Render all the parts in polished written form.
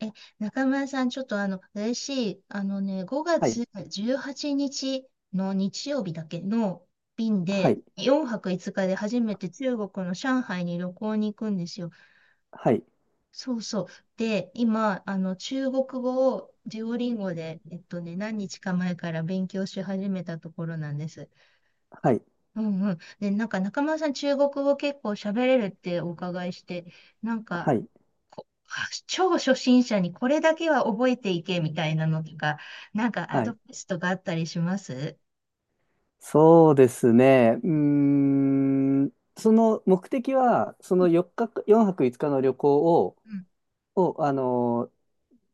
え、中村さん、ちょっと嬉しい。あのね、5は月い、18日の日曜日だけの便はで、い、4泊5日で初めて中国の上海に旅行に行くんですよ。はい、そうそう。で、今、中国語をデュオリンゴで、何日か前から勉強し始めたところなんです。はい、うんうん。で、なんか中村さん、中国語結構喋れるってお伺いして、なんか、はい、は超初心者にこれだけは覚えていけみたいなのとか、なんかアはドい。バイスとかあったりします？そうですね。うーん、その目的は、4泊5日の旅行を、うん、を、あのー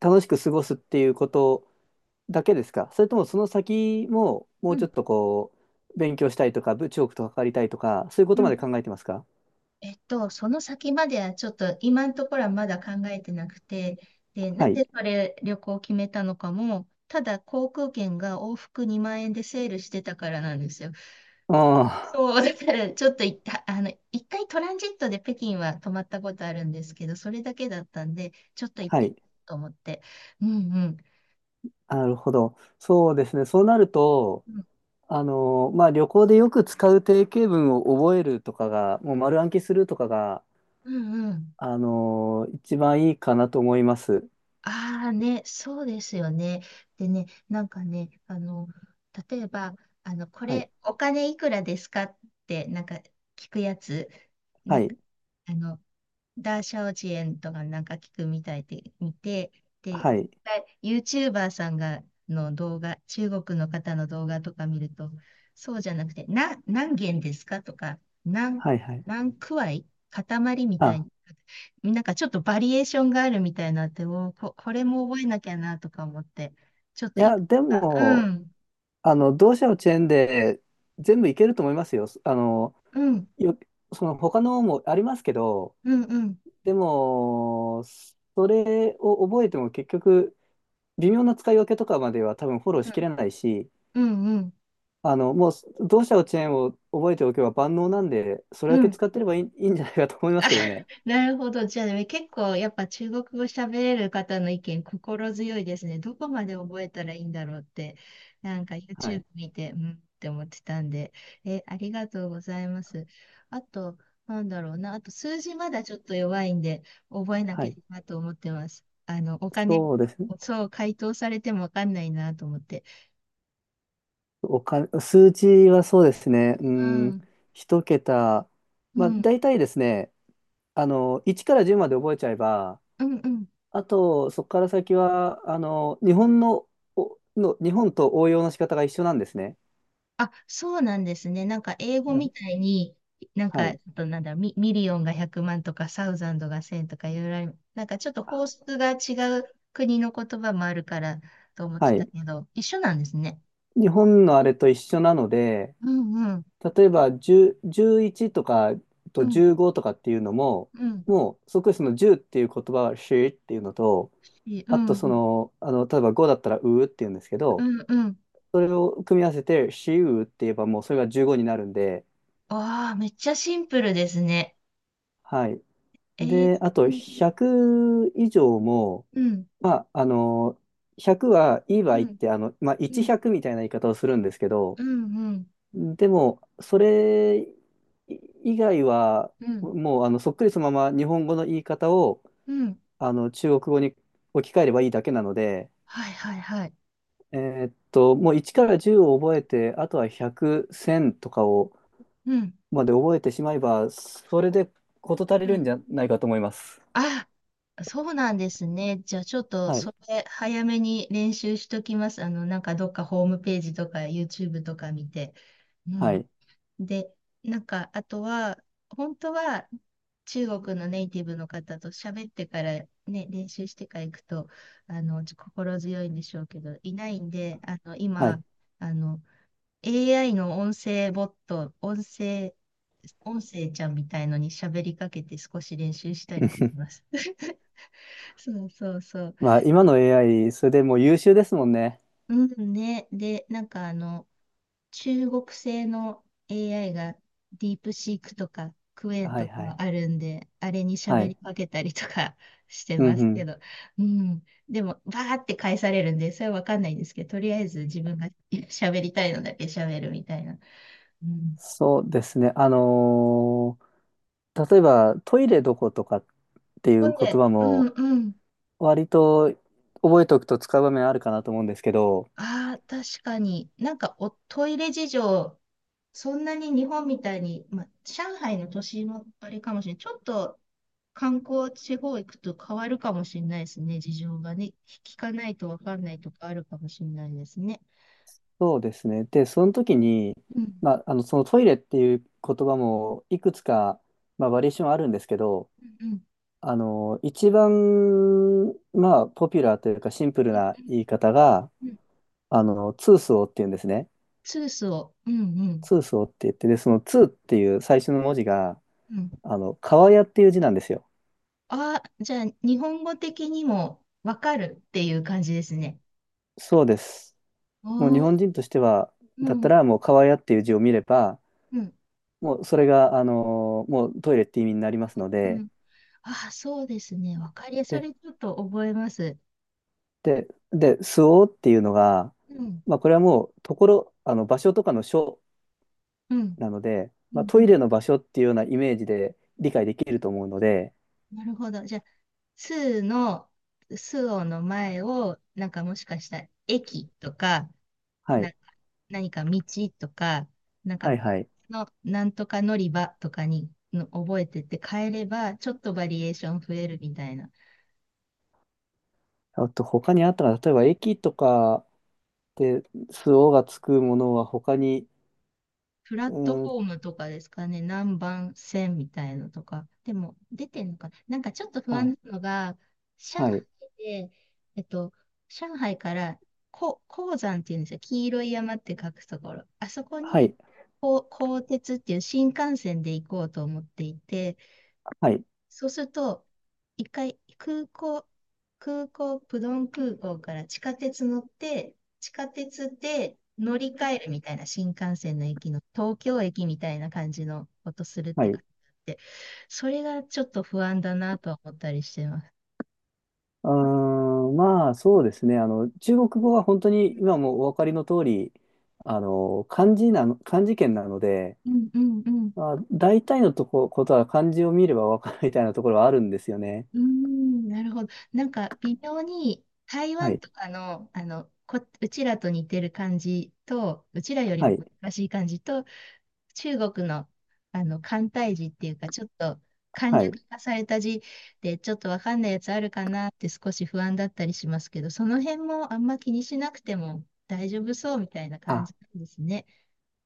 楽しく過ごすっていうことだけですか？それともその先も、もうん、ううちょっん、とこう、勉強したいとか、部長とかかりたいとか、そういうこうとまでん。考えてますか？その先まではちょっと今のところはまだ考えてなくて、で、なはんい。でそれ旅行を決めたのかも、ただ航空券が往復2万円でセールしてたからなんですよ。あそう、だからちょっと一旦、一回トランジットで北京は泊まったことあるんですけど、それだけだったんで、ちょっと行っあ、はてみい。ようと思って。うんうん。なるほど。そうですね。そうなると、まあ、旅行でよく使う定型文を覚えるとかが、もう丸暗記するとかが、うんうん。一番いいかなと思います。ああね、そうですよね。でね、なんかね、例えば、こはい。れ、お金いくらですかって、なんか聞くやつ、なはんか、い。あの、ダーシャオジエンとかなんか聞くみたいで見て、で、はい。YouTuber さんがの動画、中国の方の動画とか見ると、そうじゃなくて、な、何元ですかとか、何、はい。はい。何くわい塊みたあ、いに、なんかちょっとバリエーションがあるみたいなって、おーこ、これも覚えなきゃなとか思って、ちょっいといや、くつでか、うも、ん、同社のチェーンで全部いけると思いますよ。うん、よ、その他のもありますけど、うん、うん、でも、それを覚えても結局、微妙な使い分けとかまでは多分フォローうしん、きれないし、うん、うん、もう、同社のチェーンを覚えておけば万能なんで、それだうけん、使ってればいい、いいんじゃないかと思い まあ、すけどね。なるほど。じゃあね、結構やっぱ中国語喋れる方の意見心強いですね。どこまで覚えたらいいんだろうって、なんか は YouTube い。見て、うんって思ってたんで、え、ありがとうございます。あと、なんだろうな。あと、数字まだちょっと弱いんで、覚えなはきゃい。なと思ってます。お金、そうですね。そう、回答されてもわかんないなと思って。お金、数字はそうですね。ううん、ん、一桁。うまあ、ん、大体ですね、1から10まで覚えちゃえば、うん、うん。あと、そこから先は、日本と応用の仕方が一緒なんですね。あ、そうなんですね。なんか英語はみい。たいに、なんはか、ちい。ょっとなんだミ、ミリオンが100万とか、サウザンドが1000とかいろいろある。なんかちょっと法則が違う国の言葉もあるからと思っはてたい。けど、一緒なんですね。日本のあれと一緒なので、うんうん、例えば10、1とかうとん、15とかっていうのも、うん、もうそこにその10っていう言葉はしっていうのと、いいうあんとうん、例えば5だったらうっていうんですけうど、ん、うん。それを組み合わせてしうって言えばもうそれが15になるんで、わあ、めっちゃシンプルですね。はい。えー、で、あうとん、100以上も、うん、まあ、100はいい場う合っん、て、まあ、うん、100みたいな言い方をするんですけど、うん、うん、でも、それ以外は、うん、もうあのそっくりそのまま日本語の言い方をうん。あの中国語に置き換えればいいだけなので、はいはいはい。えもう1から10を覚えて、あとは100、1000とかをうん、まで覚えてしまえば、それで事足りうるんじゃん。ないかと思います。あ、そうなんですね。じゃあちょっとはい、それ早めに練習しときます。なんかどっかホームページとか YouTube とか見て。うはん。い、で、なんかあとは、本当は中国のネイティブの方と喋ってからね、練習してから行くと、心強いんでしょうけど、いないんで、はい。今、あの、AI の音声ボット、音声、音声ちゃんみたいのに喋りかけて少し練習したりしま す。そうそうそう。まあ、今の AI、それでもう優秀ですもんね。うんね。で、なんか中国製の AI がディープシークとかクエンはい、とはかい、あるんで、あれには喋い。りかけたりとか してうん、まうすけん。ど、うん。でも、バーって返されるんで、それはわかんないんですけど、とりあえず自分が 喋りたいのだけ喋るみたいな。うん。そうですね。例えばトイレどことかっていほうん言で、葉うんもうん。割と覚えておくと使う場面あるかなと思うんですけど、ああ、確かに。なんかおトイレ事情、そんなに日本みたいに、まあ、上海の都市もあれかもしれない。ちょっと観光地方行くと変わるかもしれないですね。事情がね。聞かないとわかんないとかあるかもしれないですね。そうですね。で、その時に、うん。まあ、そのトイレっていう言葉もいくつか、まあ、バリエーションあるんですけど、うんうん一番、まあ、ポピュラーというかシンプルうなん言い方が、うんツースオーっていうんですね。スースを。うんうんツースオーって言って、で、そのツーっていう最初の文字が、うん。川屋っていう字なんですよ。ああ、じゃあ日本語的にもわかるっていう感じですね。そうです。もう日お本ー、人としては、うだったんらもう川屋っていう字を見れば、うんもうそれが、もうトイレって意味になりますのうで、ん。あ、そうですね。わかりやすい。そで、れちょっと覚えます。で、すおっていうのが、うん。まあこれはもうところ、あの場所とかの所うん。なので、うまあん。うトイん。レの場所っていうようなイメージで理解できると思うので、なるほど。じゃあ、スーの、スオの前を、なんかもしかしたら駅とか、はなんい、か何か道とか、なんかはい、はい。の、なんとか乗り場とかにの覚えてって変えれば、ちょっとバリエーション増えるみたいな。あと他にあったら、例えば駅とかですおがつくものは他に、プラうットフーん、ォームとかですかね、何番線みたいのとか。でも、出てんのかな。なんかちょっと不安あ、なのが、上は海い、で、えっと、上海から、こ、黄山っていうんですよ。黄色い山って書くところ。あそこはに、い、こう、鋼鉄っていう新幹線で行こうと思っていて、はい、そうすると、一回空港、プドン空港から地下鉄乗って、地下鉄で乗り換えるみたいな新幹線の駅の東京駅みたいな感じのことするっはてい。感じで、それがちょっと不安だなとは思ったりしてます。うーん、まあそうですね。中国語は本当に今もお分かりの通り、漢字圏なので、うんうんうん。まあ、大体のことは漢字を見れば分かるみたいなところはあるんですよね。うーん、なるほど。なんか微妙に台は湾い、とかの、こ、うちらと似てる感じと、うちらよりはもい、難しい感じと、中国の、簡体字っていうか、ちょっと簡は略い。化された字で、ちょっとわかんないやつあるかなって少し不安だったりしますけど、その辺もあんま気にしなくても大丈夫そうみたいな感あ、じなんですね。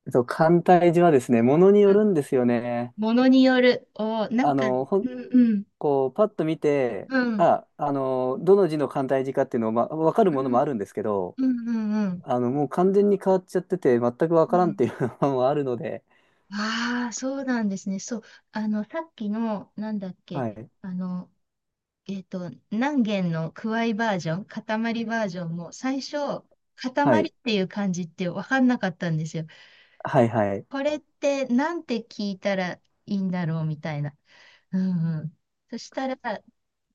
簡体字はですね、ものにうよん。るんですよね。ものによる。おー、なんあか、うんの、ほん、うん、こう、パッと見て、うん、あ、どの字の簡体字かっていうのを、まあ、分かるうものもん、あるんですけど、うん、うん、うん。もう完全に変わっちゃってて、全く分うからんっん。ていうのもあるので、ああ、そうなんですね。そう。あの、さっきの、なんだっけ、はい。あの、何弦のくわいバージョン、塊バージョンも最初、は塊っい、ていう漢字って分かんなかったんですよ。はい、はい。これってなんて聞いたらいいんだろうみたいな。うんうん。そしたら、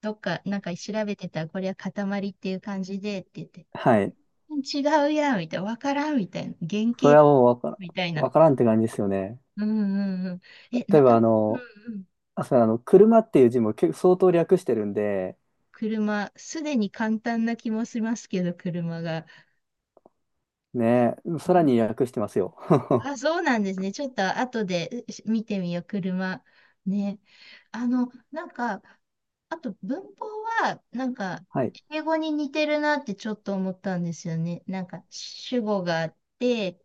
どっか、なんか調べてたら、これは塊っていう感じでって言って、はい。違うやん、みたいな、わからん、みたいな、原それは型、もうわからん、みたいな。わからんって感じですよね。うんうんうん。え、例なえかばなか、うんうん。あ、そう車っていう字も結構相当略してるんで、車、すでに簡単な気もしますけど、車が。ね、さらに略してますよ。あ、そうなんですね。ちょっと後でし見てみよう、車。ね。なんか、あと文法は、なんか、はい。英語に似てるなってちょっと思ったんですよね。なんか、主語があって、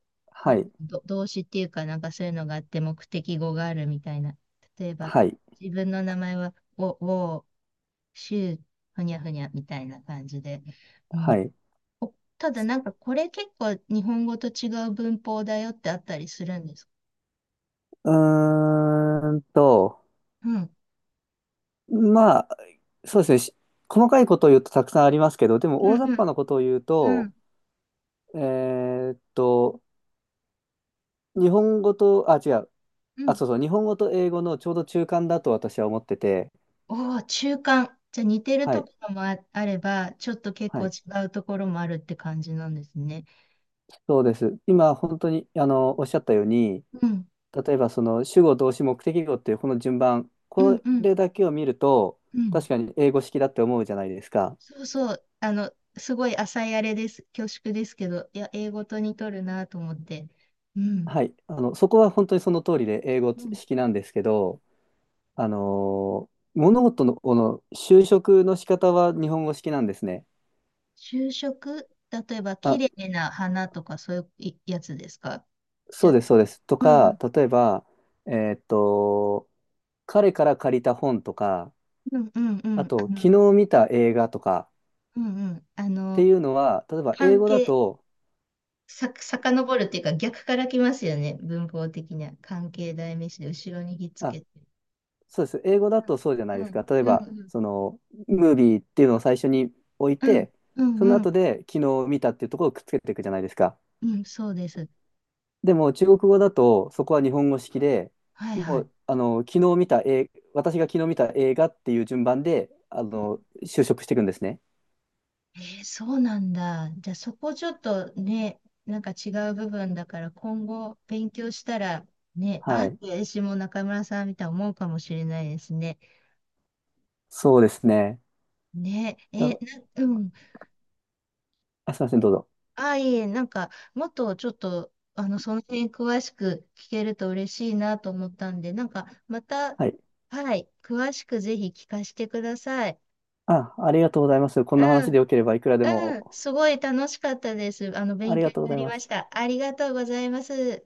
なはんかい。動詞っていうか、なんかそういうのがあって、目的語があるみたいな。例えば、はい。自分の名前は、ウォー、シュー、ふにゃふにゃみたいな感じで。うん。はい。お、ただなんかこれ結構日本語と違う文法だよってあったりするんですか？うーんと、うん。まあ、そうですね。細かいことを言うとたくさんありますけど、でもうん大雑う把んなことを言ううと、んえーっと、日本語と、あ、違う。うあ、ん。そうそう。日本語と英語のちょうど中間だと私は思ってて、おお、中間。じゃあ似てるはとい。ころもあれば、ちょっと結は構い。違うところもあるって感じなんですね。そうです。今、本当に、おっしゃったように、うん。例えば、その、主語、動詞、目的語っていうこの順番、うこんうんれだけを見ると、うん。確かに英語式だって思うじゃないですか。そうそう。すごい浅いあれです。恐縮ですけど、いや、英語と似とるなと思って。うん。はい。そこは本当にその通りで英語うん。式なんですけど、あの、物事の、この修飾の仕方は日本語式なんですね。就職、例えば、綺あ、麗な花とかそういうやつですか？じそうゃあ、です、そうです。とうか、ん例えば、えーっと、彼から借りた本とか、うんうんうあん。と、昨日見た映画とか、うんうん。っていうのは、例えば英関語だ係、と、さ、遡るっていうか逆から来ますよね。文法的には。関係代名詞で後ろにひっつあ、けて。そうです。英語だとそうじゃないうですか。ん例えうんば、うんその、ムービーっていうのを最初に置いうんて、うそのんう後ん。で昨日見たっていうところをくっつけていくじゃないですか。うんそうです。でも、中国語だと、そこは日本語式で、はいはもい。う、昨日見た映、私が昨日見た映画っていう順番で、修飾していくんですね。えーそうなんだ。じゃあそこちょっとね、なんか違う部分だから今後勉強したらね、あーはっい。て私も中村さんみたいに思うかもしれないですね。そうですね。ね、えーだ、な、うん。あ、すいません、どうぞ。ああ、いえ、なんか、もっとちょっと、その辺詳しく聞けると嬉しいなと思ったんで、なんか、また、はい。はい、詳しくぜひ聞かせてください。あ、ありがとうございます。こんうなん、話でよければいくらでうん、も。すごい楽しかったです。あ勉り強がとにうごなざいりまましす。た。ありがとうございます。